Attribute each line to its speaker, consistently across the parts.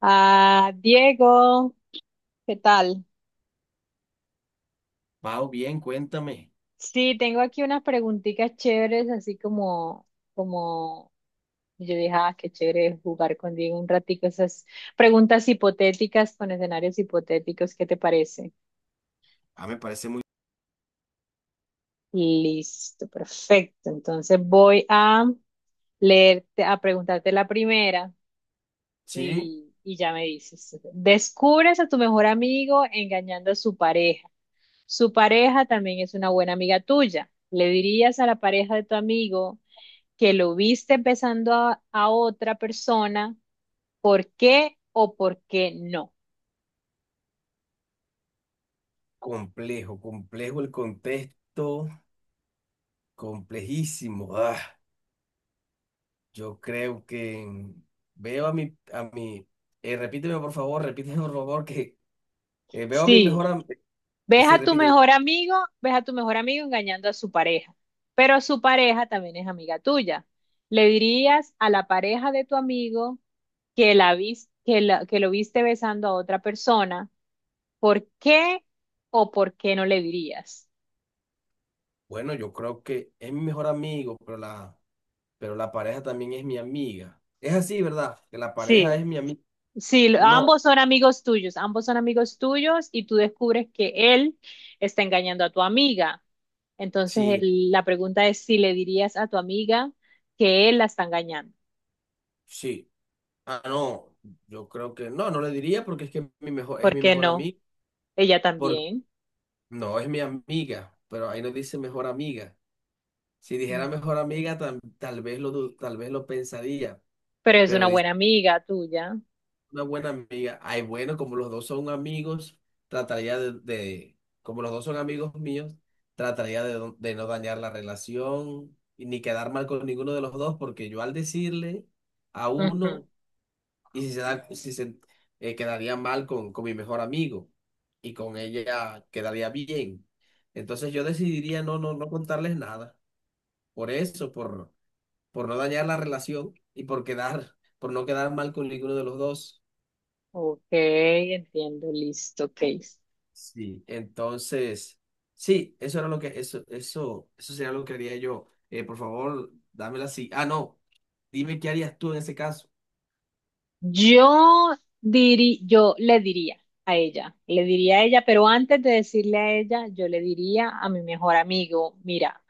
Speaker 1: Ah, Diego, ¿qué tal?
Speaker 2: Pau, bien, cuéntame.
Speaker 1: Sí, tengo aquí unas preguntitas chéveres, así como yo dije, ah, qué chévere jugar con Diego un ratico, esas preguntas hipotéticas con escenarios hipotéticos, ¿qué te parece?
Speaker 2: A
Speaker 1: Listo, perfecto. Entonces voy a leerte, a preguntarte la primera.
Speaker 2: Sí,
Speaker 1: Y ya me dices, descubres a tu mejor amigo engañando a su pareja. Su pareja también es una buena amiga tuya. Le dirías a la pareja de tu amigo que lo viste besando a otra persona, ¿por qué o por qué no?
Speaker 2: complejo, complejo el contexto, complejísimo. Ah, yo creo que mm, veo a mi, repíteme por favor, que veo a mi
Speaker 1: Sí.
Speaker 2: mejor amigo,
Speaker 1: Ves
Speaker 2: sí,
Speaker 1: a tu
Speaker 2: repíteme.
Speaker 1: mejor amigo, ves a tu mejor amigo engañando a su pareja, pero su pareja también es amiga tuya. Le dirías a la pareja de tu amigo que la vis- que la- que lo viste besando a otra persona, ¿por qué o por qué no le dirías?
Speaker 2: Bueno, yo creo que es mi mejor amigo, pero la pareja también es mi amiga. Es así, ¿verdad? Que la pareja
Speaker 1: Sí,
Speaker 2: es mi amiga.
Speaker 1: sí, lo-
Speaker 2: No,
Speaker 1: ambos son amigos tuyos, ambos son amigos tuyos y tú descubres que él está engañando a tu amiga. Entonces
Speaker 2: sí,
Speaker 1: el- la pregunta es si le dirías a tu amiga que él la está engañando.
Speaker 2: sí. Ah, no, yo creo que no le diría porque es que es
Speaker 1: ¿Por
Speaker 2: mi
Speaker 1: qué
Speaker 2: mejor
Speaker 1: no?
Speaker 2: amigo.
Speaker 1: Ella también.
Speaker 2: No, es mi amiga, pero ahí nos dice mejor amiga. Si dijera
Speaker 1: Mm.
Speaker 2: mejor amiga, tal vez lo pensaría,
Speaker 1: Pero es
Speaker 2: pero
Speaker 1: una
Speaker 2: dice
Speaker 1: buena amiga tuya.
Speaker 2: una buena amiga. Ay, bueno, como los dos son amigos, trataría como los dos son amigos míos, trataría de no dañar la relación y ni quedar mal con ninguno de los dos, porque yo al decirle a
Speaker 1: Ujú.
Speaker 2: uno y si se da, si se quedaría mal con mi mejor amigo y con ella quedaría bien. Entonces yo decidiría no contarles nada. Por eso, por no dañar la relación y por no quedar mal con ninguno de los dos.
Speaker 1: Ok, entiendo, listo, Case.
Speaker 2: Sí. Entonces, sí, eso sería lo que haría yo. Por favor, dámela así. Ah, no, dime qué harías tú en ese caso.
Speaker 1: Yo yo le diría a ella, le diría a ella, pero antes de decirle a ella, yo le diría a mi mejor amigo, mira,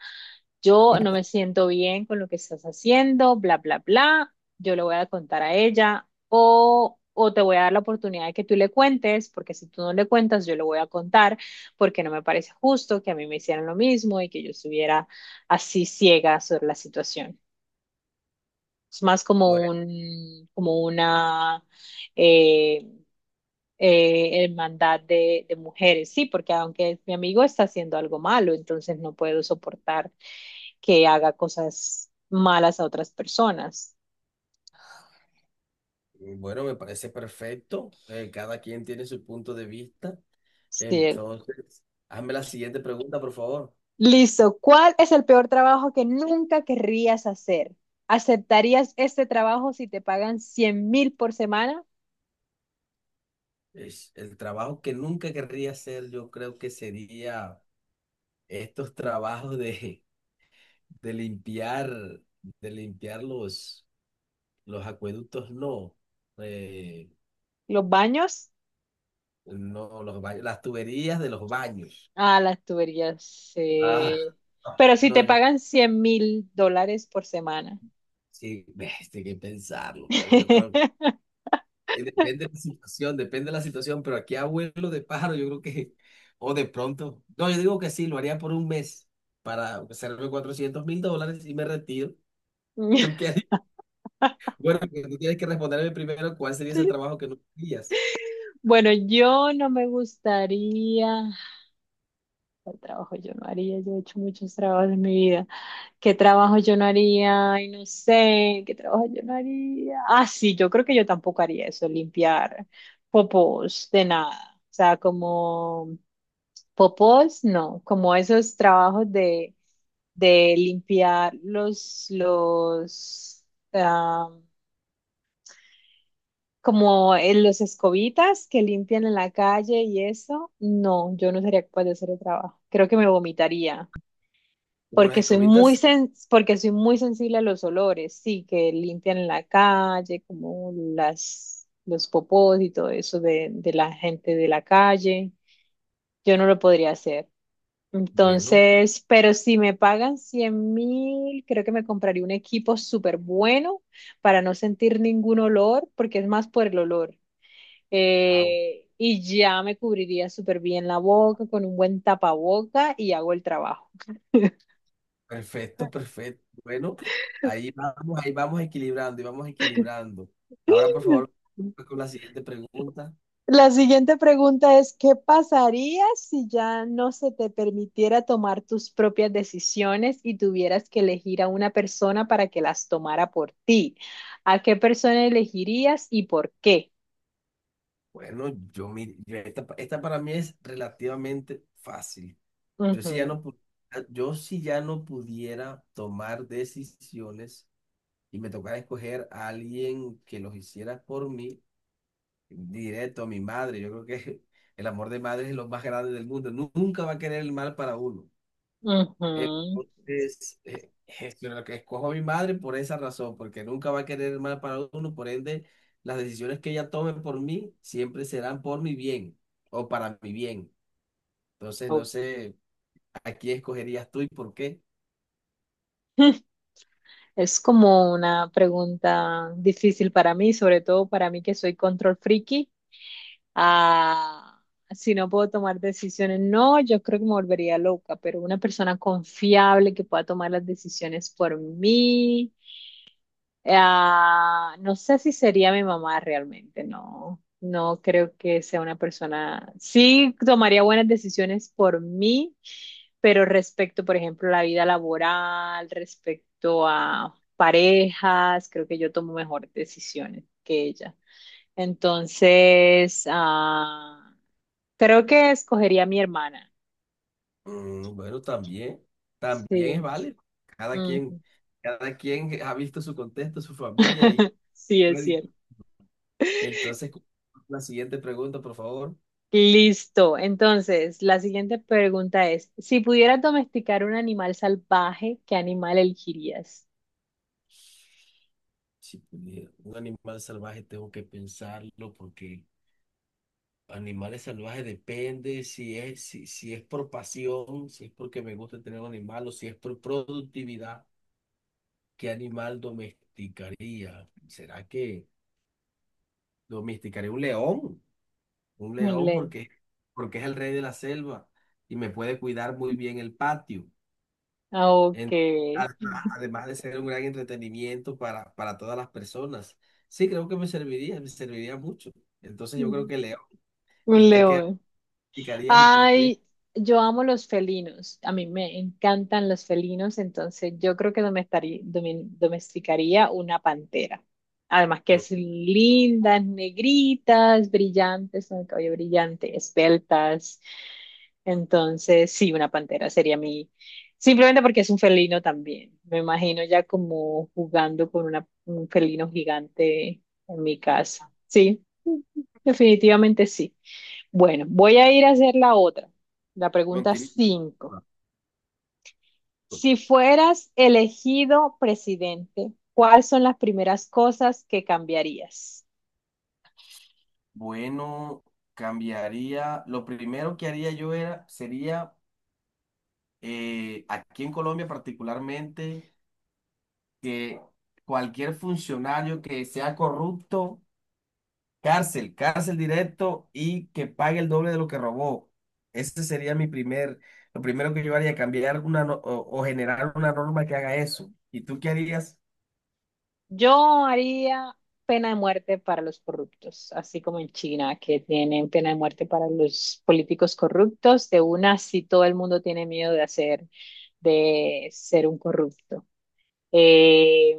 Speaker 1: yo no me siento bien con lo que estás haciendo, bla, bla, bla, yo le voy a contar a ella o te voy a dar la oportunidad de que tú le cuentes, porque si tú no le cuentas, yo le voy a contar, porque no me parece justo que a mí me hicieran lo mismo y que yo estuviera así ciega sobre la situación. Es más
Speaker 2: Bueno,
Speaker 1: como una eh, hermandad de mujeres, sí, porque aunque mi amigo está haciendo algo malo, entonces no puedo soportar que haga cosas malas a otras personas.
Speaker 2: bueno, me parece perfecto. Cada quien tiene su punto de vista.
Speaker 1: Sí.
Speaker 2: Entonces, hazme la siguiente pregunta, por favor.
Speaker 1: Listo. ¿Cuál es el peor trabajo que nunca querrías hacer? ¿Aceptarías este trabajo si te pagan 100.000 por semana?
Speaker 2: El trabajo que nunca querría hacer, yo creo que sería estos trabajos de limpiar, de limpiar los acueductos, no, eh,
Speaker 1: ¿Los baños?
Speaker 2: no, los baños, las tuberías de los baños.
Speaker 1: Ah, las tuberías,
Speaker 2: Ah,
Speaker 1: sí. Pero si
Speaker 2: no,
Speaker 1: te
Speaker 2: yo
Speaker 1: pagan $100.000 por semana.
Speaker 2: sí, tengo que pensarlo, pero yo creo. Depende de la situación, depende de la situación, pero aquí abuelo de pájaro, yo creo que, o de pronto, no, yo digo que sí, lo haría por un mes para hacerme 400.000 dólares y me retiro. ¿Tú qué harías? Bueno, que tú tienes que responderme primero cuál sería ese trabajo que no harías.
Speaker 1: Bueno, yo no me gustaría. ¿Cuál trabajo yo no haría? Yo he hecho muchos trabajos en mi vida. ¿Qué trabajo yo no haría? Ay, no sé, ¿qué trabajo yo no haría? Ah, sí, yo creo que yo tampoco haría eso, limpiar popós de nada. O sea, como popós, no, como esos trabajos de limpiar ah, como en los escobitas que limpian en la calle y eso. No, yo no sería capaz de hacer el trabajo. Creo que me vomitaría
Speaker 2: Como las escobitas,
Speaker 1: porque soy muy sensible a los olores, sí, que limpian en la calle, como las los popós y todo eso de la gente de la calle. Yo no lo podría hacer.
Speaker 2: bueno,
Speaker 1: Entonces, pero si me pagan 100 mil, creo que me compraría un equipo súper bueno para no sentir ningún olor, porque es más por el olor.
Speaker 2: au,
Speaker 1: Y ya me cubriría súper bien la boca con un buen tapaboca y hago el trabajo.
Speaker 2: perfecto, perfecto. Bueno, ahí vamos equilibrando y vamos equilibrando. Ahora, por favor, con la siguiente pregunta.
Speaker 1: La siguiente pregunta es, ¿qué pasaría si ya no se te permitiera tomar tus propias decisiones y tuvieras que elegir a una persona para que las tomara por ti? ¿A qué persona elegirías y por qué?
Speaker 2: Bueno, yo, mi- yo- esta para mí es relativamente fácil. Yo si ya
Speaker 1: Ujú,
Speaker 2: no, pu- yo si ya no pudiera tomar decisiones y me tocara escoger a alguien que los hiciera por mí, directo a mi madre. Yo creo que el amor de madre es lo más grande del mundo. Nunca va a querer el mal para uno.
Speaker 1: ujú.
Speaker 2: Entonces, es lo que escojo a mi madre por esa razón, porque nunca va a querer el mal para uno. Por ende, las decisiones que ella tome por mí siempre serán por mi bien o para mi bien. Entonces, no
Speaker 1: Oh.
Speaker 2: sé, ¿a quién escogerías tú y por qué?
Speaker 1: Es como una pregunta difícil para mí, sobre todo para mí que soy control friki. A si no puedo tomar decisiones. No, yo creo que me volvería loca, pero una persona confiable que pueda tomar las decisiones por mí, ah, no sé si sería mi mamá realmente, no. No creo que sea una persona. Sí, tomaría buenas decisiones por mí, pero respecto, por ejemplo, a la vida laboral, respecto a parejas, creo que yo tomo mejores decisiones que ella. Entonces, creo que escogería a mi hermana.
Speaker 2: Mm, bueno, también, también es
Speaker 1: Sí.
Speaker 2: válido.
Speaker 1: Ujú.
Speaker 2: Cada quien ha visto su contexto, su familia.
Speaker 1: Sí, es
Speaker 2: Puede-
Speaker 1: cierto.
Speaker 2: Entonces, la siguiente pregunta, por favor.
Speaker 1: Listo. Entonces, la siguiente pregunta es, si pudieras domesticar un animal salvaje, ¿qué animal elegirías?
Speaker 2: Si pudiera, un animal salvaje tengo que pensarlo porque animales salvajes depende si es por pasión, si es porque me gusta tener un animal o si es por productividad, ¿qué animal domesticaría? ¿Será que domesticaría un león? Un
Speaker 1: Un
Speaker 2: león
Speaker 1: león.
Speaker 2: porque, es el rey de la selva y me puede cuidar muy bien el patio.
Speaker 1: Ah, ok.
Speaker 2: En- además, además de ser un gran entretenimiento para todas las personas. Sí, creo que me serviría mucho. Entonces yo creo
Speaker 1: Mm,
Speaker 2: que león. ¿Y
Speaker 1: un
Speaker 2: tú qué
Speaker 1: león.
Speaker 2: aplicarías y por qué?
Speaker 1: Ay, yo amo los felinos. A mí me encantan los felinos, entonces yo creo que domesticaría una pantera. Además que
Speaker 2: Mm.
Speaker 1: es lindas, negritas, brillantes, con el cabello brillante, esbeltas. Entonces, sí, una pantera sería mi, simplemente porque es un felino también. Me imagino ya como jugando con un felino gigante en mi casa. Sí, definitivamente sí. Bueno, voy a ir a hacer la
Speaker 2: no
Speaker 1: pregunta
Speaker 2: tiene-
Speaker 1: 5. Si fueras elegido presidente, ¿cuáles son las primeras cosas que cambiarías?
Speaker 2: Bueno, cambiaría. Lo primero que haría yo sería aquí en Colombia particularmente, que cualquier funcionario que sea corrupto. Cárcel, cárcel directo y que pague el doble de lo que robó. Ese sería mi primer, Lo primero que yo haría, cambiar una no- o generar una norma que haga eso. ¿Y tú qué harías?
Speaker 1: Yo haría pena de muerte para los corruptos, así como en China, que tienen pena de muerte para los políticos corruptos. De una, si todo el mundo tiene miedo de hacer, de ser un corrupto. Eh,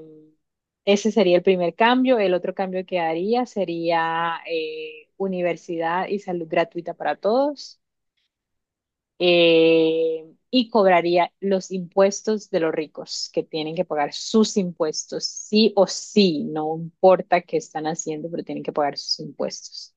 Speaker 1: Ese sería el primer cambio. El otro cambio que haría sería universidad y salud gratuita para todos y cobraría los impuestos de los ricos, que tienen que pagar sus impuestos, sí o sí, no importa qué están haciendo, pero tienen que pagar sus impuestos.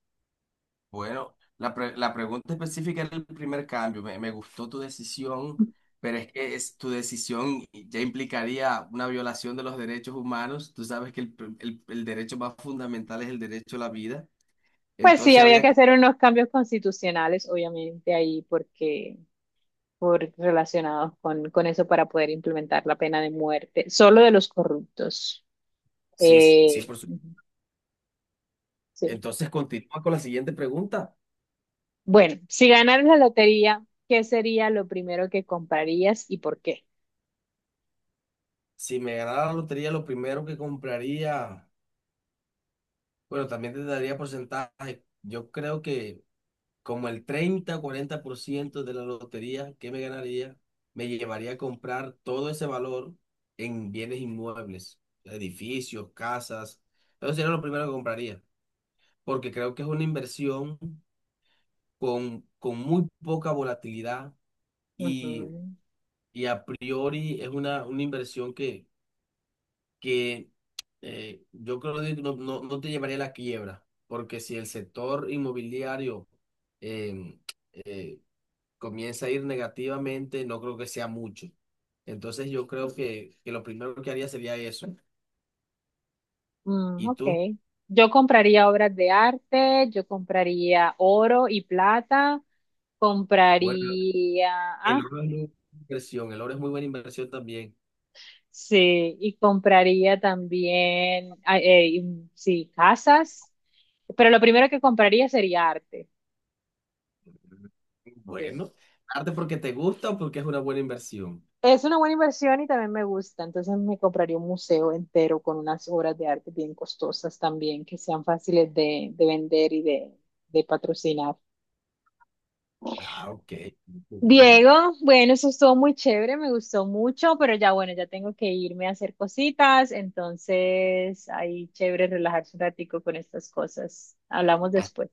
Speaker 2: Bueno, la pregunta específica era el primer cambio. Me gustó tu decisión, pero tu decisión ya implicaría una violación de los derechos humanos. Tú sabes que el derecho más fundamental es el derecho a la vida.
Speaker 1: Pues sí,
Speaker 2: Entonces
Speaker 1: había que
Speaker 2: habría que...
Speaker 1: hacer unos cambios constitucionales, obviamente, ahí porque relacionados con eso para poder implementar la pena de muerte, solo de los corruptos.
Speaker 2: Sí, sí, por supuesto.
Speaker 1: Ujú, sí.
Speaker 2: Entonces continúa con la siguiente pregunta.
Speaker 1: Bueno, si ganaras la lotería, ¿qué sería lo primero que comprarías y por qué?
Speaker 2: Si me ganara la lotería, lo primero que compraría, bueno, también te daría porcentaje. Yo creo que como el treinta o 40% de la lotería que me ganaría, me llevaría a comprar todo ese valor en bienes inmuebles, edificios, casas. Eso sería lo primero que compraría, porque creo que es una inversión con muy poca volatilidad y,
Speaker 1: Ujú.
Speaker 2: y a priori es una inversión que yo creo que no te llevaría a la quiebra, porque si el sector inmobiliario em, eh, comienza a ir negativamente, no creo que sea mucho. Entonces yo creo que lo primero que haría sería eso.
Speaker 1: Mm,
Speaker 2: Y
Speaker 1: ok.
Speaker 2: tú,
Speaker 1: Yo compraría obras de arte, yo compraría oro y plata,
Speaker 2: bueno,
Speaker 1: compraría,
Speaker 2: el oro es muy buena inversión, el oro es muy buena inversión también.
Speaker 1: sí, y compraría también, sí, casas, pero lo primero que compraría sería arte, sí.
Speaker 2: Bueno, arte porque te gusta o porque es una buena inversión.
Speaker 1: Es una buena inversión y también me gusta, entonces me compraría un museo entero con unas obras de arte bien costosas también, que sean fáciles de vender y de patrocinar.
Speaker 2: Ah, ok, bueno.
Speaker 1: Diego, bueno, eso estuvo muy chévere, me gustó mucho, pero ya bueno, ya tengo que irme a hacer cositas, entonces ahí chévere relajarse un ratico con estas cosas. Hablamos después.